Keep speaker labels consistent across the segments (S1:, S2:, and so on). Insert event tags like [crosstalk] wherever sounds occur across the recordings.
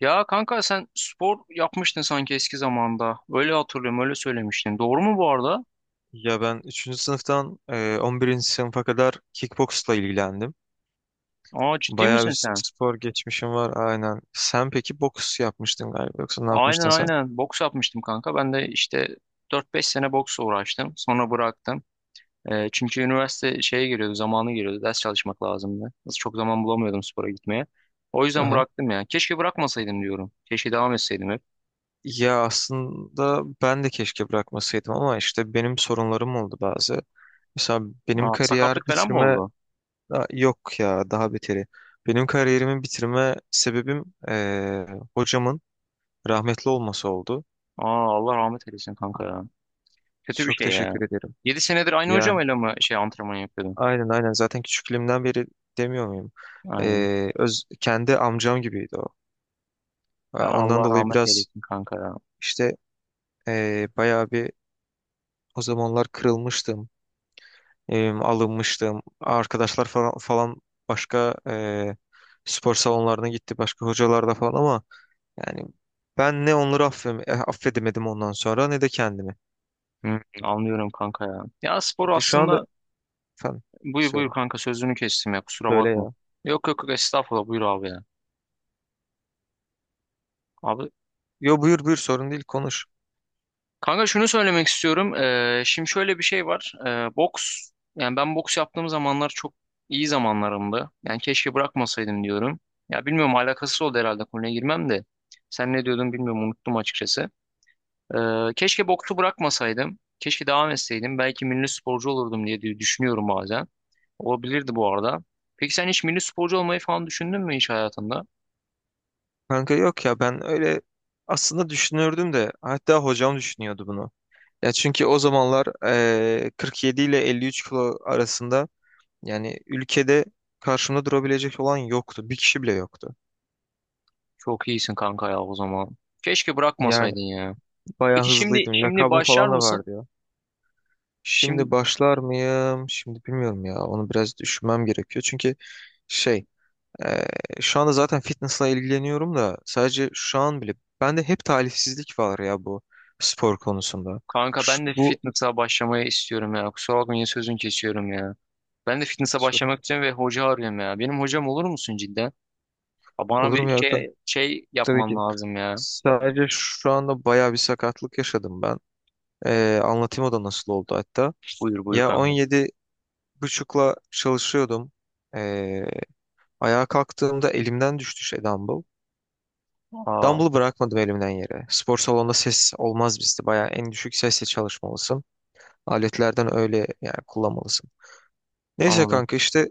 S1: Ya kanka sen spor yapmıştın sanki eski zamanda. Öyle hatırlıyorum, öyle söylemiştin. Doğru mu bu arada?
S2: Ya ben üçüncü sınıftan 11. sınıfa kadar kickboxla ilgilendim.
S1: Aa, ciddi
S2: Bayağı
S1: misin
S2: bir
S1: sen?
S2: spor geçmişim var aynen. Sen peki boks yapmıştın galiba yoksa ne
S1: Aynen,
S2: yapmıştın sen?
S1: aynen. Boks yapmıştım kanka. Ben de işte 4 5 sene boksla uğraştım. Sonra bıraktım. Çünkü üniversite şeye giriyordu, zamanı giriyordu. Ders çalışmak lazımdı. Nasıl çok zaman bulamıyordum spora gitmeye. O yüzden
S2: Aha.
S1: bıraktım ya. Keşke bırakmasaydım diyorum. Keşke devam etseydim hep.
S2: Ya aslında ben de keşke bırakmasaydım ama işte benim sorunlarım oldu bazı. Mesela benim
S1: Aa, sakatlık
S2: kariyer
S1: falan mı
S2: bitirme.
S1: oldu?
S2: Aa, yok ya daha beteri. Benim kariyerimi bitirme sebebim hocamın rahmetli olması oldu.
S1: Aa, Allah rahmet eylesin kanka ya. Kötü bir
S2: Çok
S1: şey
S2: teşekkür
S1: ya.
S2: ederim.
S1: 7 senedir aynı
S2: Yani,
S1: hocamla mı antrenman yapıyordun?
S2: aynen aynen, zaten küçüklüğümden beri demiyor muyum?
S1: Aynen.
S2: Kendi amcam gibiydi o.
S1: Ya
S2: Ya,
S1: Allah
S2: ondan dolayı
S1: rahmet
S2: biraz
S1: eylesin kanka ya.
S2: işte bayağı bir o zamanlar kırılmıştım, alınmıştım. Arkadaşlar falan başka spor salonlarına gitti, başka hocalarla falan ama yani ben ne onları affedemedim ondan sonra ne de kendimi.
S1: Hı, anlıyorum kanka ya. Ya spor
S2: Peki şu anda.
S1: aslında
S2: Efendim,
S1: buyur buyur
S2: söyle.
S1: kanka, sözünü kestim ya, kusura
S2: Söyle
S1: bakma.
S2: ya.
S1: Yok, yok, yok, estağfurullah, buyur abi ya. Abi
S2: Yo, buyur buyur, sorun değil, konuş.
S1: kanka, şunu söylemek istiyorum. Şimdi şöyle bir şey var. Boks, yani ben boks yaptığım zamanlar çok iyi zamanlarımdı. Yani keşke bırakmasaydım diyorum. Ya bilmiyorum, alakasız oldu herhalde konuya girmem de. Sen ne diyordun, bilmiyorum, unuttum açıkçası. Keşke boksu bırakmasaydım. Keşke devam etseydim. Belki milli sporcu olurdum diye diye düşünüyorum bazen. Olabilirdi bu arada. Peki sen hiç milli sporcu olmayı falan düşündün mü hiç hayatında?
S2: Kanka yok ya, ben öyle aslında düşünürdüm de, hatta hocam düşünüyordu bunu. Ya çünkü o zamanlar 47 ile 53 kilo arasında, yani ülkede karşımda durabilecek olan yoktu. Bir kişi bile yoktu.
S1: Çok iyisin kanka ya o zaman. Keşke
S2: Yani
S1: bırakmasaydın ya.
S2: bayağı
S1: Peki şimdi
S2: hızlıydım.
S1: şimdi
S2: Lakabım
S1: başlar
S2: falan da
S1: mısın?
S2: vardı ya.
S1: Şimdi
S2: Şimdi başlar mıyım? Şimdi bilmiyorum ya. Onu biraz düşünmem gerekiyor. Çünkü şey eee, şu anda zaten fitnessla ilgileniyorum da, sadece şu an bile bende hep talihsizlik var ya, bu spor konusunda.
S1: kanka ben de
S2: Bu,
S1: fitness'a başlamayı istiyorum ya. Kusura bakma, yine sözünü kesiyorum ya. Ben de fitness'a
S2: sorayım.
S1: başlamak için ve hoca arıyorum ya. Benim hocam olur musun cidden? Aa, bana
S2: Olur
S1: bir
S2: mu ya kanka?
S1: şey
S2: Tabii
S1: yapman
S2: ki.
S1: lazım ya.
S2: Sadece şu anda bayağı bir sakatlık yaşadım ben. Anlatayım o da nasıl oldu hatta.
S1: Buyur buyur
S2: Ya
S1: kanka.
S2: 17 buçukla çalışıyordum. Ee, Ayağa kalktığımda elimden düştü dumbbell.
S1: Aa,
S2: Dumbbell'ı bırakmadım elimden yere. Spor salonunda ses olmaz bizde. Bayağı en düşük sesle çalışmalısın. Aletlerden öyle yani kullanmalısın. Neyse
S1: anladım.
S2: kanka, işte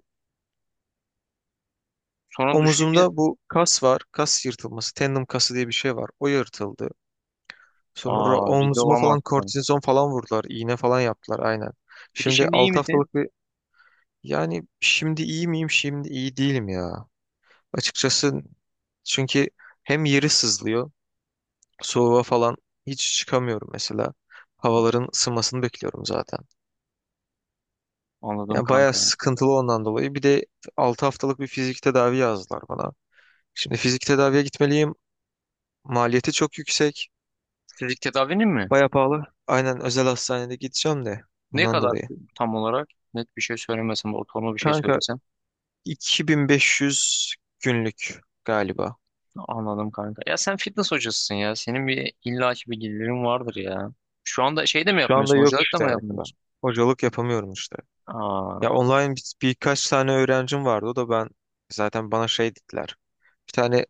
S1: Sonra
S2: omuzumda
S1: düşünce
S2: bu kas var. Kas yırtılması. Tendon kası diye bir şey var. O yırtıldı. Sonra
S1: aa, ciddi
S2: omzuma falan
S1: olamazsın.
S2: kortizon falan vurdular. İğne falan yaptılar aynen.
S1: Peki
S2: Şimdi
S1: şimdi iyi
S2: 6
S1: misin?
S2: haftalık bir. Yani şimdi iyi miyim? Şimdi iyi değilim ya. Açıkçası çünkü hem yeri sızlıyor. Soğuğa falan hiç çıkamıyorum mesela. Havaların ısınmasını bekliyorum zaten.
S1: Anladım
S2: Yani bayağı
S1: kanka.
S2: sıkıntılı ondan dolayı. Bir de 6 haftalık bir fizik tedavi yazdılar bana. Şimdi fizik tedaviye gitmeliyim. Maliyeti çok yüksek.
S1: Fizik tedavinin mi?
S2: Bayağı pahalı. Aynen, özel hastanede gideceğim de
S1: Ne
S2: ondan
S1: kadar
S2: dolayı.
S1: tam olarak? Net bir şey söylemesen de ortalama bir şey
S2: Kanka
S1: söylesen.
S2: 2.500 günlük galiba.
S1: Anladım kanka. Ya sen fitness hocasısın ya. Senin bir illaki bir gelirin vardır ya. Şu anda şey de mi
S2: Şu anda
S1: yapmıyorsun?
S2: yok
S1: Hocalık da
S2: işte
S1: mı
S2: mesela.
S1: yapmıyorsun?
S2: Hocalık yapamıyorum işte.
S1: Aa,
S2: Ya online birkaç tane öğrencim vardı. O da ben zaten bana şey dediler. Bir tane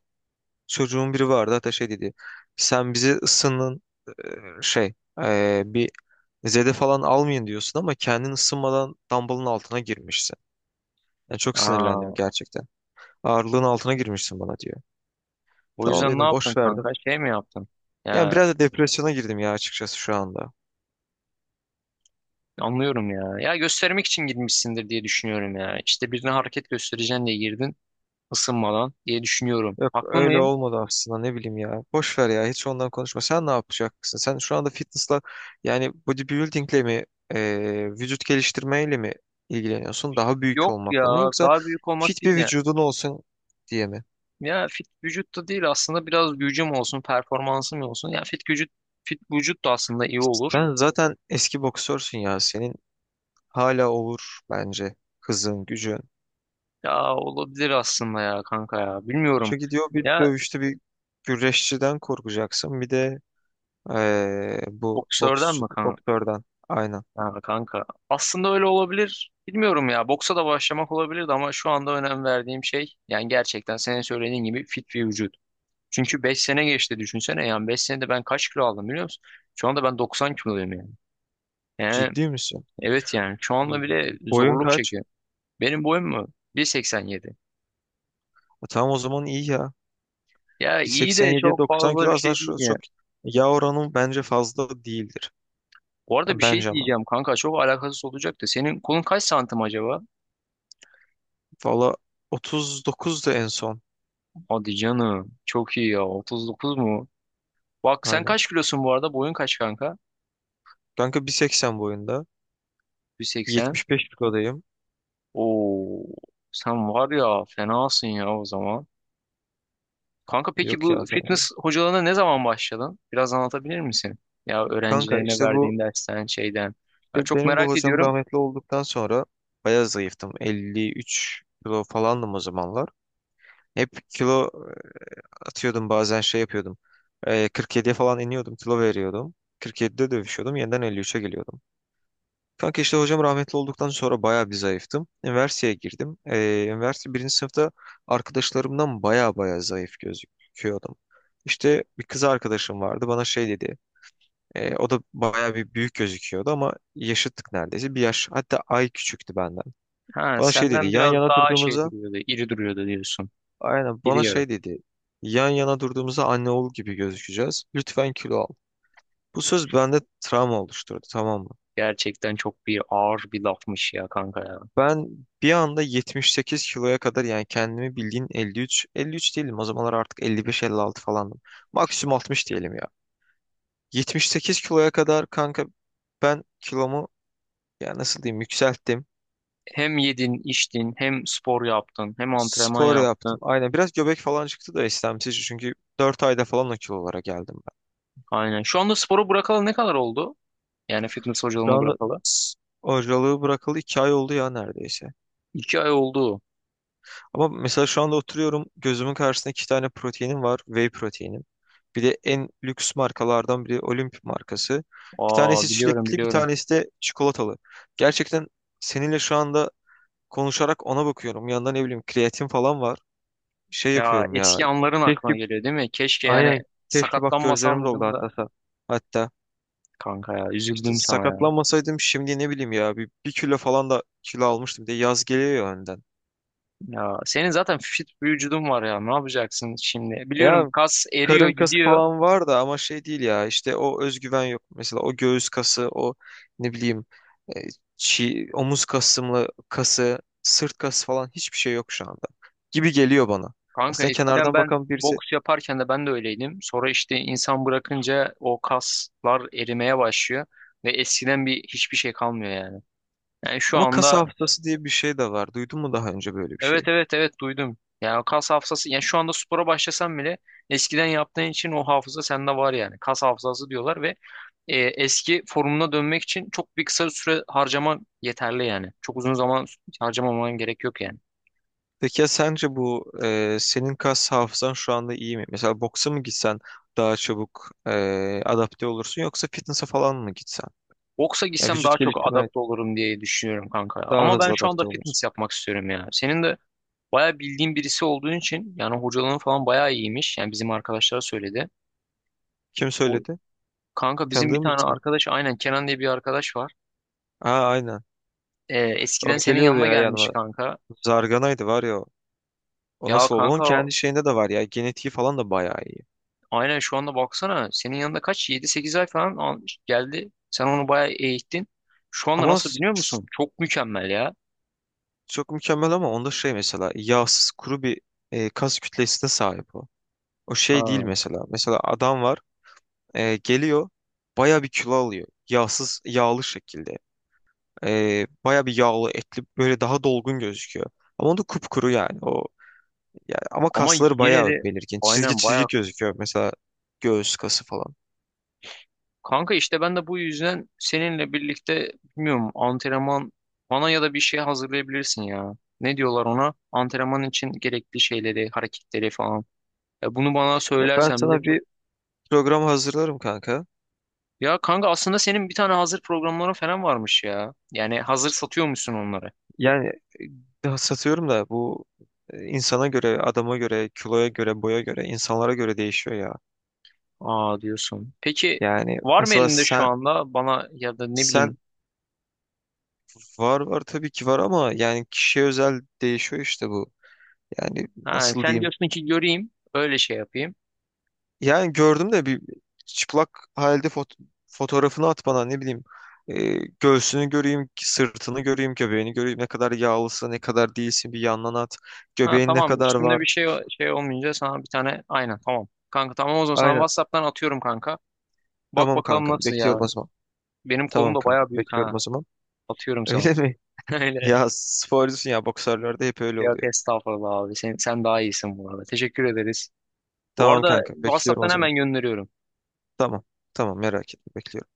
S2: çocuğun biri vardı, hatta şey dedi. Sen bizi ısının bir zede falan almayın diyorsun ama kendin ısınmadan dumbbell'ın altına girmişsin. Yani çok sinirlendim
S1: aa.
S2: gerçekten. Ağırlığın altına girmişsin bana diyor.
S1: O
S2: Tamam
S1: yüzden ne
S2: dedim,
S1: yaptın
S2: boş
S1: kanka?
S2: verdim.
S1: Şey mi yaptın?
S2: Yani
S1: Ya
S2: biraz da depresyona girdim ya, açıkçası, şu anda.
S1: anlıyorum ya. Ya göstermek için girmişsindir diye düşünüyorum ya. İşte birine hareket göstereceğin diye girdin ısınmadan diye düşünüyorum.
S2: Yok
S1: Haklı
S2: öyle
S1: mıyım?
S2: olmadı aslında, ne bileyim ya. Boş ver ya, hiç ondan konuşma. Sen ne yapacaksın? Sen şu anda fitnessla, yani bodybuildingle mi, vücut geliştirmeyle mi ilgileniyorsun? Daha büyük
S1: Yok
S2: olmakla mı,
S1: ya,
S2: yoksa
S1: daha büyük olmak
S2: fit
S1: değil
S2: bir
S1: ya.
S2: vücudun olsun diye mi?
S1: Ya fit vücut da değil aslında, biraz gücüm olsun, performansım olsun. Ya fit vücut da aslında iyi olur.
S2: Sen zaten eski boksörsün ya. Senin hala olur bence hızın, gücün.
S1: Ya olabilir aslında ya kanka ya. Bilmiyorum.
S2: Çünkü diyor, bir
S1: Ya
S2: dövüşte bir güreşçiden korkacaksın. Bir de bu
S1: boksörden mi
S2: boktörden. Aynen.
S1: ha, kanka? Aslında öyle olabilir. Bilmiyorum ya. Boksa da başlamak olabilirdi ama şu anda önem verdiğim şey yani gerçekten senin söylediğin gibi fit bir vücut. Çünkü 5 sene geçti düşünsene, yani 5 senede ben kaç kilo aldım biliyor musun? Şu anda ben 90 kiloluyum yani. He,
S2: Ciddi misin?
S1: evet, yani şu anda
S2: İyi.
S1: bile
S2: Boyun
S1: zorluk
S2: kaç?
S1: çekiyor. Benim boyum mu? 1,87.
S2: Tamam o zaman iyi ya.
S1: Ya
S2: Bir
S1: iyi de
S2: 87'ye
S1: çok
S2: 90
S1: fazla
S2: kilo
S1: bir
S2: aslında,
S1: şey değil
S2: şu
S1: ya.
S2: çok yağ oranı bence fazla değildir.
S1: Bu arada
S2: Yani
S1: bir şey
S2: bence ama.
S1: diyeceğim kanka, çok alakasız olacak da senin kolun kaç santim acaba?
S2: Valla 39'du en son.
S1: Hadi canım, çok iyi ya, 39 mu? Bak sen
S2: Aynen.
S1: kaç kilosun bu arada, boyun kaç kanka?
S2: Kanka 1.80 boyunda.
S1: 1,80.
S2: 75 kilodayım.
S1: Oo, sen var ya fenasın ya o zaman. Kanka peki
S2: Yok
S1: bu
S2: ya, falan.
S1: fitness hocalarına ne zaman başladın? Biraz anlatabilir misin? Ya
S2: Kanka
S1: öğrencilerine
S2: işte bu,
S1: verdiğin dersten, şeyden. Ya
S2: işte
S1: çok
S2: benim bu
S1: merak
S2: hocam
S1: ediyorum.
S2: rahmetli olduktan sonra bayağı zayıftım. 53 kilo falandım o zamanlar. Hep kilo atıyordum, bazen şey yapıyordum. 47'ye falan iniyordum, kilo veriyordum. 47'de dövüşüyordum. Yeniden 53'e geliyordum. Kanka işte hocam rahmetli olduktan sonra bayağı bir zayıftım. Üniversiteye girdim. Üniversite birinci sınıfta arkadaşlarımdan bayağı bayağı zayıf gözüküyordum. İşte bir kız arkadaşım vardı, bana şey dedi. O da bayağı bir büyük gözüküyordu ama yaşıttık neredeyse. Bir yaş, hatta ay küçüktü benden.
S1: Ha,
S2: Bana şey dedi
S1: senden
S2: yan
S1: biraz
S2: yana
S1: daha şey
S2: durduğumuzda,
S1: duruyordu, iri duruyordu diyorsun.
S2: aynen
S1: İri
S2: bana
S1: yarı.
S2: şey dedi. Yan yana durduğumuzda anne oğul gibi gözükeceğiz. Lütfen kilo al. Bu söz bende travma oluşturdu, tamam mı?
S1: Gerçekten çok bir ağır bir lafmış ya kanka ya.
S2: Ben bir anda 78 kiloya kadar, yani kendimi bildiğin 53, 53 değilim. O zamanlar artık 55-56 falandım. Maksimum 60 diyelim ya. 78 kiloya kadar kanka, ben kilomu, ya nasıl diyeyim, yükselttim.
S1: Hem yedin, içtin, hem spor yaptın, hem antrenman
S2: Spor yaptım.
S1: yaptın.
S2: Aynen, biraz göbek falan çıktı da istemsizce, çünkü 4 ayda falan o kilolara geldim ben.
S1: Aynen. Şu anda sporu bırakalı ne kadar oldu? Yani fitness
S2: Şu
S1: hocalığını
S2: anda
S1: bırakalı.
S2: s- hocalığı bırakalı 2 ay oldu ya neredeyse.
S1: 2 ay oldu.
S2: Ama mesela şu anda oturuyorum. Gözümün karşısında iki tane proteinim var. Whey proteinim. Bir de en lüks markalardan biri, Olimp markası. Bir tanesi
S1: Aa, biliyorum,
S2: çilekli, bir
S1: biliyorum.
S2: tanesi de çikolatalı. Gerçekten seninle şu anda konuşarak ona bakıyorum. Yanında ne bileyim, kreatin falan var. Şey
S1: Ya
S2: yapıyorum ya.
S1: eski anların
S2: Keşke,
S1: aklına geliyor değil mi? Keşke yani
S2: aynen, keşke, bak gözlerim
S1: sakatlanmasam
S2: doldu
S1: dedim
S2: hatta.
S1: da.
S2: Hatta
S1: Kanka ya,
S2: işte
S1: üzüldüm sana ya.
S2: sakatlanmasaydım, şimdi ne bileyim ya, bir, bir kilo falan da kilo almıştım. Bir de yaz geliyor ya önden.
S1: Ya senin zaten fit bir vücudun var ya, ne yapacaksın şimdi?
S2: Ya
S1: Biliyorum, kas eriyor
S2: karın kası
S1: gidiyor.
S2: falan var da, ama şey değil ya işte, o özgüven yok. Mesela o göğüs kası, o ne bileyim, e, omuz kasımlı kası, sırt kası falan, hiçbir şey yok şu anda. Gibi geliyor bana.
S1: Kanka
S2: Aslında
S1: eskiden
S2: kenardan
S1: ben
S2: bakan birisi.
S1: boks yaparken de ben de öyleydim. Sonra işte insan bırakınca o kaslar erimeye başlıyor ve eskiden bir hiçbir şey kalmıyor yani. Yani şu
S2: Ama kas
S1: anda
S2: hafızası diye bir şey de var. Duydun mu daha önce böyle bir
S1: evet,
S2: şey?
S1: evet, evet, duydum. Yani o kas hafızası, yani şu anda spora başlasan bile eskiden yaptığın için o hafıza sende var yani. Kas hafızası diyorlar ve eski formuna dönmek için çok bir kısa süre harcaman yeterli yani. Çok uzun zaman harcamaman gerek yok yani.
S2: Peki ya sence bu, senin kas hafızan şu anda iyi mi? Mesela boksa mı gitsen daha çabuk adapte olursun, yoksa fitness'a falan mı gitsen?
S1: Boksa
S2: Ya
S1: gitsem daha
S2: vücut
S1: çok
S2: geliştirme.
S1: adapte olurum diye düşünüyorum kanka ya.
S2: Daha
S1: Ama ben
S2: hızlı
S1: şu anda
S2: adapte olursun.
S1: fitness yapmak istiyorum ya. Senin de bayağı bildiğin birisi olduğun için yani hocalığın falan bayağı iyiymiş. Yani bizim arkadaşlara söyledi.
S2: Kim
S1: O,
S2: söyledi?
S1: kanka bizim bir
S2: Tanıdığın
S1: tane
S2: birisi mi?
S1: arkadaş, aynen, Kenan diye bir arkadaş var.
S2: Aa, aynen. O
S1: Eskiden senin
S2: geliyordu
S1: yanına
S2: ya
S1: gelmiş
S2: yanıma.
S1: kanka.
S2: Zarganaydı var ya o. O
S1: Ya
S2: nasıl oldu? Onun
S1: kanka
S2: kendi şeyinde de var ya. Genetiği falan da bayağı iyi.
S1: aynen, şu anda baksana, senin yanında 7, 8 ay falan almış, geldi. Sen onu bayağı eğittin. Şu anda
S2: Ama
S1: nasıl biliyor musun? Çok mükemmel ya.
S2: çok mükemmel, ama onda şey, mesela yağsız kuru bir kas kütlesine sahip o. O şey değil
S1: Ha.
S2: mesela. Mesela adam var, geliyor, bayağı bir kilo alıyor. Yağsız yağlı şekilde. Bayağı bir yağlı, etli, böyle daha dolgun gözüküyor. Ama onda kupkuru yani. O. Ya ama
S1: Ama
S2: kasları
S1: yine
S2: bayağı
S1: de
S2: belirgin. Çizgi
S1: aynen
S2: çizgi
S1: bayağı.
S2: gözüküyor mesela, göğüs kası falan.
S1: Kanka işte ben de bu yüzden seninle birlikte bilmiyorum, antrenman bana ya da bir şey hazırlayabilirsin ya. Ne diyorlar ona? Antrenman için gerekli şeyleri, hareketleri falan. Ya bunu bana
S2: Ya ben
S1: söylersen bile
S2: sana
S1: çok...
S2: bir program hazırlarım kanka.
S1: Ya kanka aslında senin bir tane hazır programların falan varmış ya. Yani hazır satıyormuşsun onları.
S2: Yani satıyorum da, bu insana göre, adama göre, kiloya göre, boya göre, insanlara göre değişiyor ya.
S1: Aa, diyorsun. Peki
S2: Yani
S1: var mı
S2: mesela
S1: elinde şu
S2: sen
S1: anda bana ya da ne
S2: sen
S1: bileyim.
S2: var var, tabii ki var, ama yani kişiye özel değişiyor işte bu. Yani
S1: Ha,
S2: nasıl
S1: sen
S2: diyeyim?
S1: diyorsun ki göreyim öyle şey yapayım.
S2: Yani gördüm de, bir çıplak halde fotoğrafını at bana, ne bileyim. Ee, Göğsünü göreyim, sırtını göreyim, göbeğini göreyim. Ne kadar yağlısın, ne kadar değilsin, bir yandan at.
S1: Ha,
S2: Göbeğin ne
S1: tamam,
S2: kadar
S1: üstümde
S2: var.
S1: bir şey olmayınca sana bir tane, aynen, tamam. Kanka tamam, o zaman sana
S2: Aynen.
S1: WhatsApp'tan atıyorum kanka. Bak
S2: Tamam
S1: bakalım
S2: kankam,
S1: nasıl ya.
S2: bekliyorum o zaman.
S1: Benim kolum
S2: Tamam
S1: da
S2: kankam,
S1: bayağı büyük
S2: bekliyorum
S1: ha.
S2: o zaman.
S1: Atıyorum sana.
S2: Öyle mi? [laughs]
S1: [laughs] Öyle.
S2: Ya sporcusun ya, boksörlerde hep öyle
S1: Yok
S2: oluyor.
S1: estağfurullah abi. Sen daha iyisin bu arada. Teşekkür ederiz. Bu
S2: Tamam
S1: arada
S2: kanka, bekliyorum
S1: WhatsApp'tan
S2: o zaman.
S1: hemen gönderiyorum.
S2: Tamam. Tamam merak etme, bekliyorum.